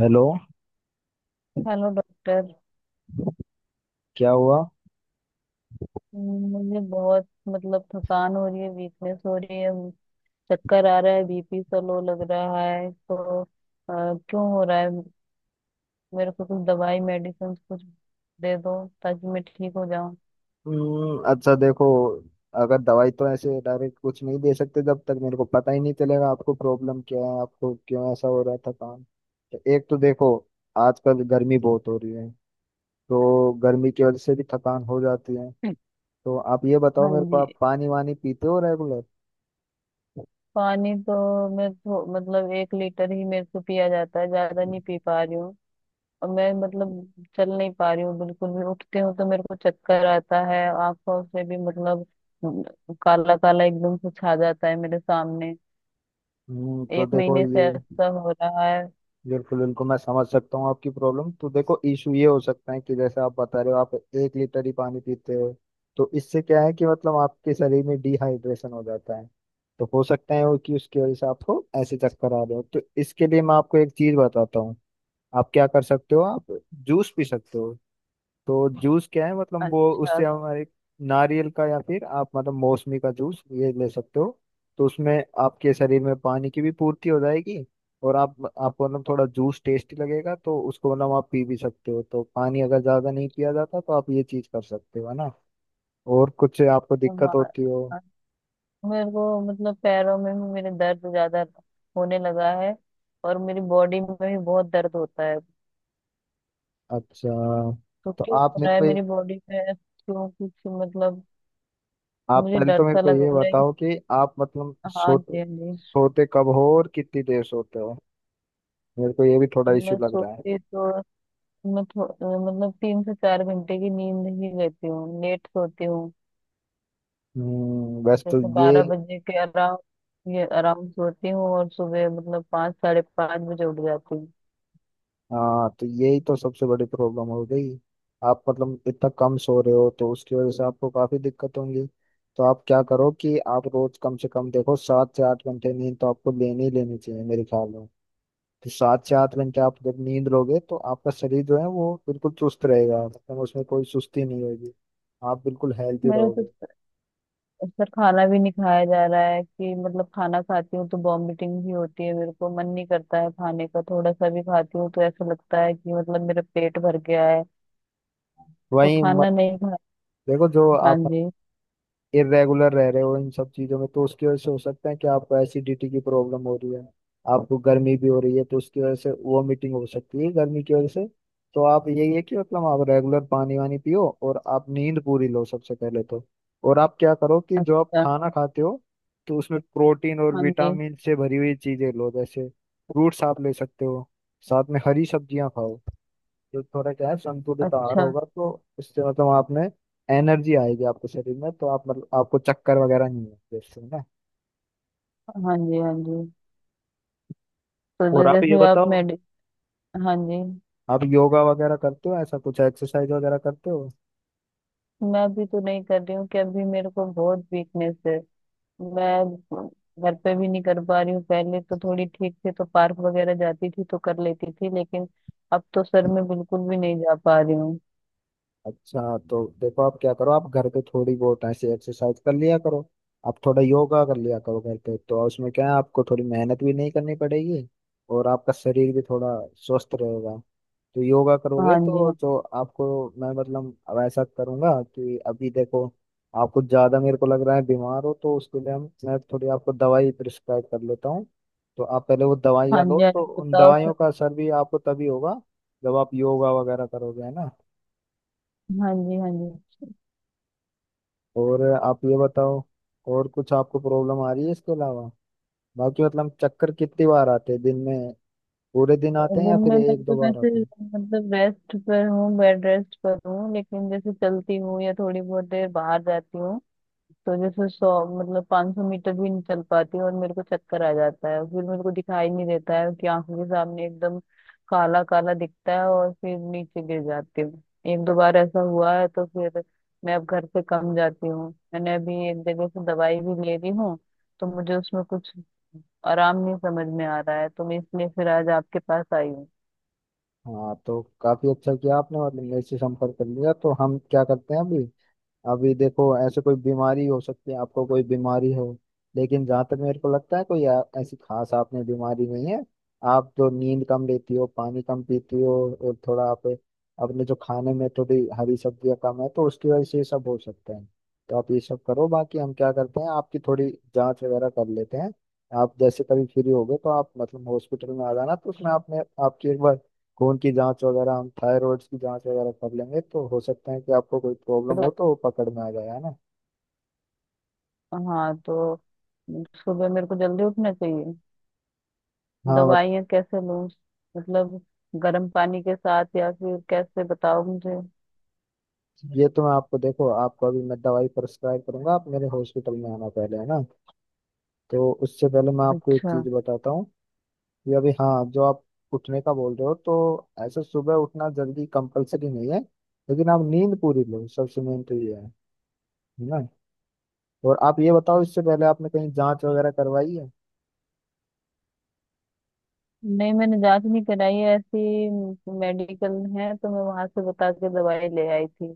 Hello. Hello doctor. क्या हुआ? मुझे बहुत मतलब थकान हो रही है, वीकनेस हो रही है, चक्कर आ रहा है, बीपी सा लो लग रहा है, तो क्यों हो रहा है। मेरे को कुछ दवाई मेडिसिन कुछ दे दो, ताकि मैं ठीक हो जाऊं। अच्छा देखो, अगर दवाई तो ऐसे डायरेक्ट कुछ नहीं दे सकते जब तक मेरे को पता ही नहीं चलेगा आपको प्रॉब्लम क्या है, आपको क्यों ऐसा हो रहा था काम। तो एक तो देखो, आजकल गर्मी बहुत हो रही है, तो गर्मी की वजह से भी थकान हो जाती है। तो आप ये बताओ हाँ मेरे को, जी। आप पानी वानी पीते हो रेगुलर? पानी तो मैं मतलब 1 लीटर ही मेरे को पिया जाता है, ज्यादा नहीं पी पा रही हूँ। और मैं मतलब चल नहीं पा रही हूँ बिल्कुल भी, उठती हूँ तो मेरे को चक्कर आता है। आंखों से भी मतलब काला काला एकदम से छा जाता है मेरे सामने। तो एक देखो महीने से ये ऐसा हो रहा है। बिल्कुल बिल्कुल मैं समझ सकता हूँ आपकी प्रॉब्लम। तो देखो, इशू ये हो सकता है कि जैसे आप बता रहे हो आप 1 लीटर ही पानी पीते हो, तो इससे क्या है कि मतलब आपके शरीर में डिहाइड्रेशन हो जाता है। तो हो सकता है वो कि उसकी वजह से आपको ऐसे चक्कर आ रहे हो, तो इसके लिए मैं आपको एक चीज बताता हूँ। आप क्या कर सकते हो, आप जूस पी सकते हो। तो जूस क्या है, मतलब वो अच्छा। उससे हमारे नारियल का या फिर आप मतलब मौसमी का जूस ये ले सकते हो। तो उसमें आपके शरीर में पानी की भी पूर्ति हो जाएगी, और आप आपको मतलब थोड़ा जूस टेस्टी लगेगा, तो उसको मतलब आप पी भी सकते हो। तो पानी अगर ज्यादा नहीं पिया जाता तो आप ये चीज कर सकते हो, है ना। और कुछ आपको तो दिक्कत होती हो? हाँ, मेरे को मतलब पैरों में भी मेरे दर्द ज्यादा होने लगा है, और मेरी बॉडी में भी बहुत दर्द होता है। अच्छा, तो तो क्यों आप हो मेरे रहा है को मेरी बॉडी में, क्यों कुछ मतलब। आप मुझे पहले तो डर मेरे सा को लग ये रहा है कि। बताओ कि आप मतलब हाँ जी, सोते हाँ जी। सोते कब हो और कितनी देर सोते हो, मेरे को ये भी थोड़ा इश्यू मैं लग रहा है। सोती तो मैं मतलब 3 से 4 घंटे की नींद ही लेती हूँ, लेट सोती हूँ। वैसे तो जैसे ये 12 बजे के अराउंड, ये अराउंड सोती हूँ और सुबह मतलब 5 साढ़े 5 बजे उठ जाती हूँ। हाँ तो यही तो सबसे बड़ी प्रॉब्लम हो गई। आप मतलब इतना कम सो रहे हो तो उसकी वजह से आपको काफी दिक्कत होंगी। तो आप क्या करो कि आप रोज कम से कम देखो 7 से 8 घंटे नींद तो आपको लेनी ही लेनी चाहिए मेरे ख्याल में। तो 7 से 8 घंटे आप जब नींद लोगे तो आपका शरीर जो है वो बिल्कुल चुस्त रहेगा, मतलब उसमें कोई सुस्ती नहीं होगी, आप बिल्कुल हेल्थी मेरे तो रहोगे। सर खाना भी नहीं खाया जा रहा है, कि मतलब खाना खाती हूँ तो वॉमिटिंग भी होती है, मेरे को मन नहीं करता है खाने का, थोड़ा सा भी खाती हूँ तो ऐसा लगता है कि मतलब मेरा पेट भर गया है। तो वहीं खाना मतलब नहीं खा। देखो, जो हाँ आप जी। इरेगुलर रह रहे हो इन सब चीजों में, तो उसकी वजह से हो सकता है कि आपको एसिडिटी की प्रॉब्लम हो रही है। आपको गर्मी भी हो रही है तो उसकी वजह से वॉमिटिंग हो सकती है गर्मी की वजह से। तो आप यही है कि मतलब आप रेगुलर पानी वानी पियो और आप नींद पूरी लो सबसे पहले तो। और आप क्या करो कि जो आप अच्छा। खाना खाते हो तो उसमें प्रोटीन और हाँ जी। विटामिन से भरी हुई चीजें लो। जैसे फ्रूट्स आप ले सकते हो, साथ में हरी सब्जियां खाओ, तो थोड़ा क्या है संतुलित आहार अच्छा। होगा तो इससे मतलब आपने एनर्जी आएगी आपके शरीर में, तो आप मतलब आपको चक्कर वगैरह नहीं आएंगे इससे ना। हाँ जी, हाँ जी। तो और जो आप ये जैसे आप बताओ, मेडि। हाँ जी। आप योगा वगैरह करते हो, ऐसा कुछ एक्सरसाइज वगैरह करते हो? मैं भी तो नहीं कर रही हूँ कि अभी मेरे को बहुत वीकनेस है। मैं घर पे भी नहीं कर पा रही हूँ, पहले तो थोड़ी ठीक थी तो पार्क वगैरह जाती थी तो कर लेती थी, लेकिन अब तो सर मैं बिल्कुल भी नहीं जा पा रही हूँ। अच्छा, तो देखो आप क्या करो, आप घर पे थोड़ी बहुत ऐसे एक्सरसाइज कर लिया करो, आप थोड़ा योगा कर लिया करो घर पे। तो उसमें क्या है, आपको थोड़ी मेहनत भी नहीं करनी पड़ेगी और आपका शरीर भी थोड़ा स्वस्थ रहेगा। तो योगा करोगे हाँ जी, तो हाँ। जो आपको मैं मतलब अब ऐसा करूंगा कि अभी देखो आप कुछ ज्यादा मेरे को लग रहा है बीमार हो, तो उसके लिए हम मैं थोड़ी आपको दवाई प्रिस्क्राइब कर लेता हूँ। तो आप पहले वो दवाइयाँ हाँ लो, जी, हाँ तो जी उन बताओ दवाइयों सर। का असर भी आपको तभी होगा जब आप योगा वगैरह करोगे, है ना। हाँ जी, हाँ जी। और आप ये बताओ, और कुछ आपको प्रॉब्लम आ रही है इसके अलावा? बाकी मतलब चक्कर कितनी बार आते हैं दिन में, पूरे दिन आते हैं दिन या फिर में मैं एक तो दो बार वैसे आते हैं? मतलब रेस्ट पर हूँ, बेड रेस्ट पर हूँ, लेकिन जैसे चलती हूँ या थोड़ी बहुत देर बाहर जाती हूँ तो जैसे 100, मतलब 500 मीटर भी नहीं चल पाती, और मेरे को चक्कर आ जाता है, फिर मेरे को दिखाई नहीं देता है कि आंखों के सामने एकदम काला काला दिखता है, और फिर नीचे गिर जाती हूँ। एक दो बार ऐसा हुआ है तो फिर मैं अब घर से कम जाती हूँ। मैंने अभी एक जगह से दवाई भी ले रही हूँ, तो मुझे उसमें कुछ आराम नहीं समझ में आ रहा है, तो मैं इसलिए फिर आज आपके पास आई हूँ। हाँ तो काफी अच्छा किया आपने मतलब मेरे से संपर्क कर लिया, तो हम क्या करते हैं अभी। अभी देखो ऐसे कोई बीमारी हो सकती है, आपको कोई बीमारी हो, लेकिन जहाँ तक मेरे को लगता है कोई ऐसी खास आपने बीमारी नहीं है। आप तो नींद कम लेती हो, पानी कम पीती हो, और थोड़ा आप अपने जो खाने में थोड़ी हरी सब्जियाँ कम है, तो उसकी वजह से ये सब हो सकता है। तो आप ये सब करो, बाकी हम क्या करते हैं आपकी थोड़ी जांच वगैरह कर लेते हैं। आप जैसे कभी फ्री होगे तो आप मतलब हॉस्पिटल में आ जाना, तो उसमें आपने आपकी एक बार खून की जांच वगैरह हम थायराइड की जांच वगैरह कर लेंगे, तो हो सकता है कि आपको कोई प्रॉब्लम हो तो वो पकड़ में आ जाए, है ना। हाँ। तो सुबह मेरे को जल्दी उठना चाहिए। हाँ मतलब दवाइयाँ कैसे लूँ, मतलब गर्म पानी के साथ या फिर कैसे, बताओ मुझे। ये तो मैं आपको देखो आपको अभी मैं दवाई प्रिस्क्राइब करूंगा, आप मेरे हॉस्पिटल में आना पहले, है ना। तो उससे पहले मैं आपको एक अच्छा। चीज बताता हूँ कि अभी हाँ जो आप उठने का बोल रहे हो, तो ऐसे सुबह उठना जल्दी कंपलसरी नहीं है, लेकिन आप नींद पूरी लो, सबसे मेन तो ये है ना। और आप ये बताओ, इससे पहले आपने कहीं जांच वगैरह करवाई है? नहीं, मैंने जांच नहीं कराई है ऐसी, मेडिकल है तो मैं वहां से बता के दवाई ले आई थी।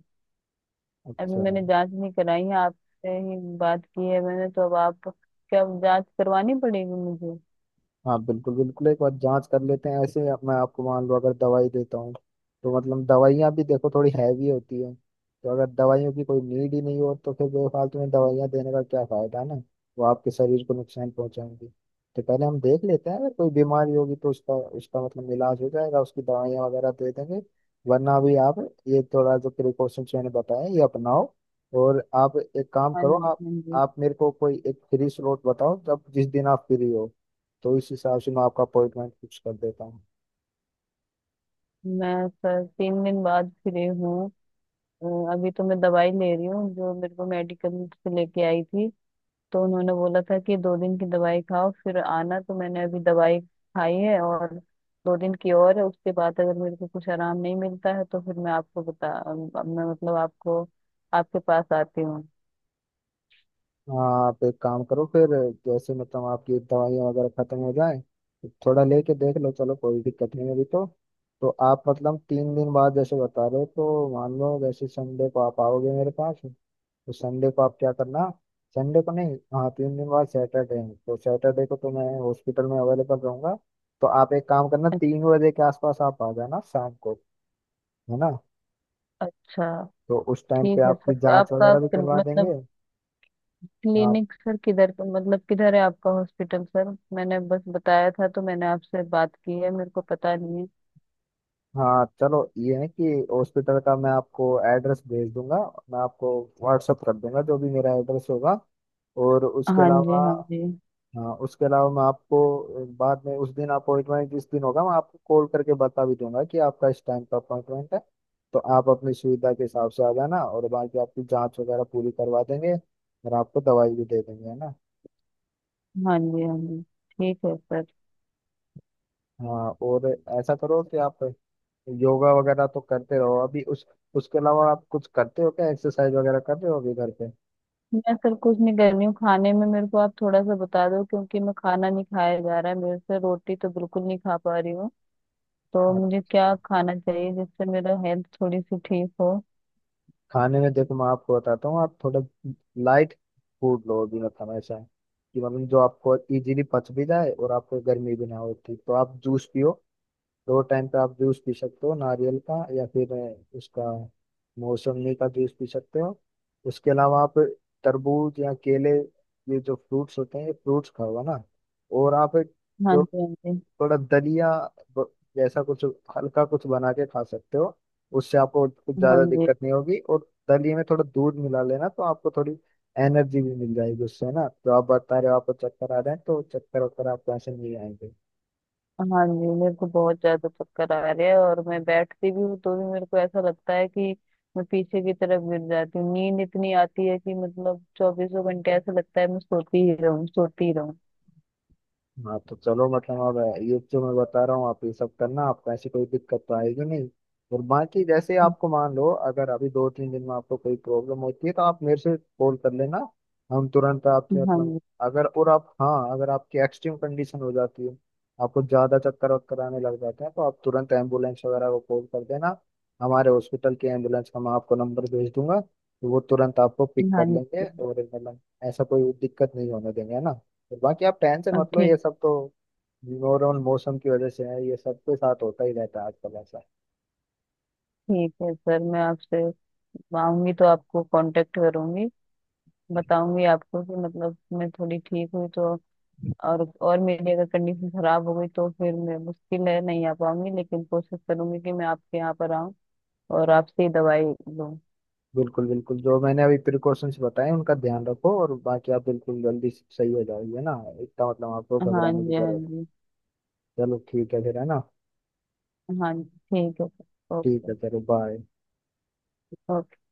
अभी अच्छा। मैंने जांच नहीं कराई है, आपसे ही बात की है मैंने तो, अब आप क्या जांच करवानी पड़ेगी मुझे। हाँ बिल्कुल बिल्कुल एक बार जांच कर लेते हैं ऐसे ही। अब मैं आपको मान लो अगर दवाई देता हूँ तो मतलब दवाइयाँ भी देखो थोड़ी हैवी होती है, तो अगर दवाइयों की कोई नीड ही नहीं हो तो फिर बेफालतू में दवाइयाँ देने का क्या फायदा, है ना। वो आपके शरीर को नुकसान पहुंचाएंगी। तो पहले हम देख लेते हैं, अगर कोई बीमारी होगी तो उसका उसका मतलब इलाज हो जाएगा, उसकी दवाइयाँ वगैरह दे देंगे। वरना भी आप ये थोड़ा जो प्रिकॉशंस मैंने बताया ये अपनाओ। और आप एक काम हाँ करो, जी, हाँ जी। आप मेरे को कोई एक फ्री स्लॉट बताओ जब जिस दिन आप फ्री हो, तो इस हिसाब से मैं आपका अपॉइंटमेंट फिक्स कर देता हूँ। मैं सर 3 दिन बाद फ्री हूँ। अ, अभी तो मैं दवाई ले रही हूँ जो मेरे को मेडिकल से लेके आई थी। तो उन्होंने बोला था कि 2 दिन की दवाई खाओ फिर आना, तो मैंने अभी दवाई खाई है और 2 दिन की और है, उसके बाद अगर मेरे को कुछ आराम नहीं मिलता है तो फिर मैं आपको बता, मैं मतलब आपको आपके पास आती हूँ। हाँ आप एक काम करो फिर, जैसे मतलब आपकी दवाइयाँ वगैरह खत्म हो जाए, थोड़ा लेके देख लो, चलो कोई दिक्कत नहीं है अभी तो। तो आप मतलब 3 दिन बाद जैसे बता रहे हो तो मान लो जैसे संडे को आप आओगे मेरे पास, तो संडे को आप क्या करना, संडे को नहीं, हाँ 3 दिन बाद सैटरडे है तो सैटरडे को तो मैं हॉस्पिटल में अवेलेबल रहूंगा। तो आप एक काम करना, 3 बजे के आसपास आप आ जाना शाम को, है ना। अच्छा। तो उस टाइम पे ठीक है आपकी सर, जांच आपका वगैरह भी करवा मतलब देंगे। हाँ, क्लिनिक सर किधर मतलब किधर है आपका हॉस्पिटल सर। मैंने बस बताया था तो, मैंने आपसे बात की है, मेरे को पता नहीं है। हाँ चलो ये है कि हॉस्पिटल का मैं आपको एड्रेस भेज दूंगा, मैं आपको व्हाट्सअप कर दूंगा जो भी मेरा एड्रेस होगा। और उसके हाँ जी, अलावा हाँ जी। हाँ उसके अलावा मैं आपको बाद में उस दिन अपॉइंटमेंट जिस दिन होगा मैं आपको कॉल करके बता भी दूंगा कि आपका इस टाइम का अपॉइंटमेंट है। तो आप अपनी सुविधा के हिसाब से आ जाना, और बाकी आपकी जांच वगैरह पूरी करवा देंगे और आपको दवाई भी दे देंगे, है ना। हाँ जी, हाँ जी ठीक है सर। हाँ और ऐसा करो कि आप योगा वगैरह तो करते रहो अभी। उस उसके अलावा आप कुछ करते हो क्या, एक्सरसाइज वगैरह कर रहे हो अभी घर पे? मैं सर कुछ नहीं कर रही हूँ, खाने में मेरे को आप थोड़ा सा बता दो क्योंकि मैं खाना नहीं खाया जा रहा है मेरे से, रोटी तो बिल्कुल नहीं खा पा रही हूँ। तो मुझे अच्छा, क्या खाना चाहिए जिससे मेरा हेल्थ थोड़ी सी ठीक हो। खाने में देखो मैं आपको बताता हूँ, आप थोड़ा लाइट फूड लो अभी। मतलब ऐसा है कि मतलब जो आपको इजीली पच भी जाए और आपको गर्मी भी ना होती, तो आप जूस पियो। दो टाइम पे आप जूस पी सकते हो, नारियल का या फिर उसका मौसमी का जूस पी सकते हो। उसके अलावा आप तरबूज या केले, ये जो फ्रूट्स होते हैं ये फ्रूट्स खाओ, है ना। और आप हाँ जो जी, हाँ जी। थोड़ा दलिया ब- जैसा कुछ हल्का कुछ बना के खा सकते हो, उससे आपको कुछ हाँ ज्यादा जी, दिक्कत नहीं होगी। और दलिए में थोड़ा दूध मिला लेना तो आपको थोड़ी एनर्जी भी मिल जाएगी उससे ना। तो आप बता रहे हो आपको चक्कर आ रहे हैं, तो चक्कर वक्कर आपको ऐसे नहीं आएंगे। हाँ जी मेरे को बहुत ज्यादा चक्कर आ रहे हैं, और मैं बैठती भी हूँ तो भी मेरे को ऐसा लगता है कि मैं पीछे की तरफ गिर जाती हूँ। नींद इतनी आती है कि मतलब चौबीसों घंटे ऐसा लगता है मैं सोती ही रहूँ सोती ही रहूँ। हाँ तो चलो मतलब अब ये जो मैं बता रहा हूँ आप ये सब करना, आपको ऐसी कोई दिक्कत तो आएगी नहीं। और बाकी जैसे आपको मान लो अगर अभी 2 3 दिन में आपको कोई प्रॉब्लम होती है तो आप मेरे से कॉल कर लेना, हम तुरंत आपकी हाँ मतलब जी। अगर और आप हाँ अगर आपकी एक्सट्रीम कंडीशन हो जाती है, आपको ज्यादा चक्कर वक्कर आने लग जाते हैं, तो आप तुरंत एम्बुलेंस वगैरह को कॉल कर देना। हमारे हॉस्पिटल की एम्बुलेंस का मैं आपको नंबर भेज दूंगा, तो वो तुरंत आपको पिक हाँ कर जी लेंगे सर। और मतलब ऐसा कोई दिक्कत नहीं होने देंगे, है ना। बाकी आप टेंशन अब मत लो, ये ठीक। सब तो ओवरऑल मौसम की वजह से है, ये सबके साथ होता ही रहता है आजकल ऐसा। ठीक है सर, मैं आपसे, मैं आऊंगी तो आपको कांटेक्ट करूंगी, बताऊंगी आपको कि मतलब मैं थोड़ी ठीक हुई तो। और मेरी अगर कंडीशन खराब हो गई तो फिर मैं, मुश्किल है, नहीं आ पाऊंगी, लेकिन कोशिश करूंगी कि मैं आपके यहाँ पर आऊँ और आपसे ही दवाई लूँ। बिल्कुल बिल्कुल जो मैंने अभी प्रिकॉशंस बताए उनका ध्यान रखो, और बाकी आप बिल्कुल जल्दी सही हो जाओगे ना। इतना मतलब आपको हाँ घबराने की जी, हाँ जरूरत। जी। चलो ठीक है फिर, है ना। हाँ जी। ठीक है। ठीक ओके। है चलो बाय। ओके।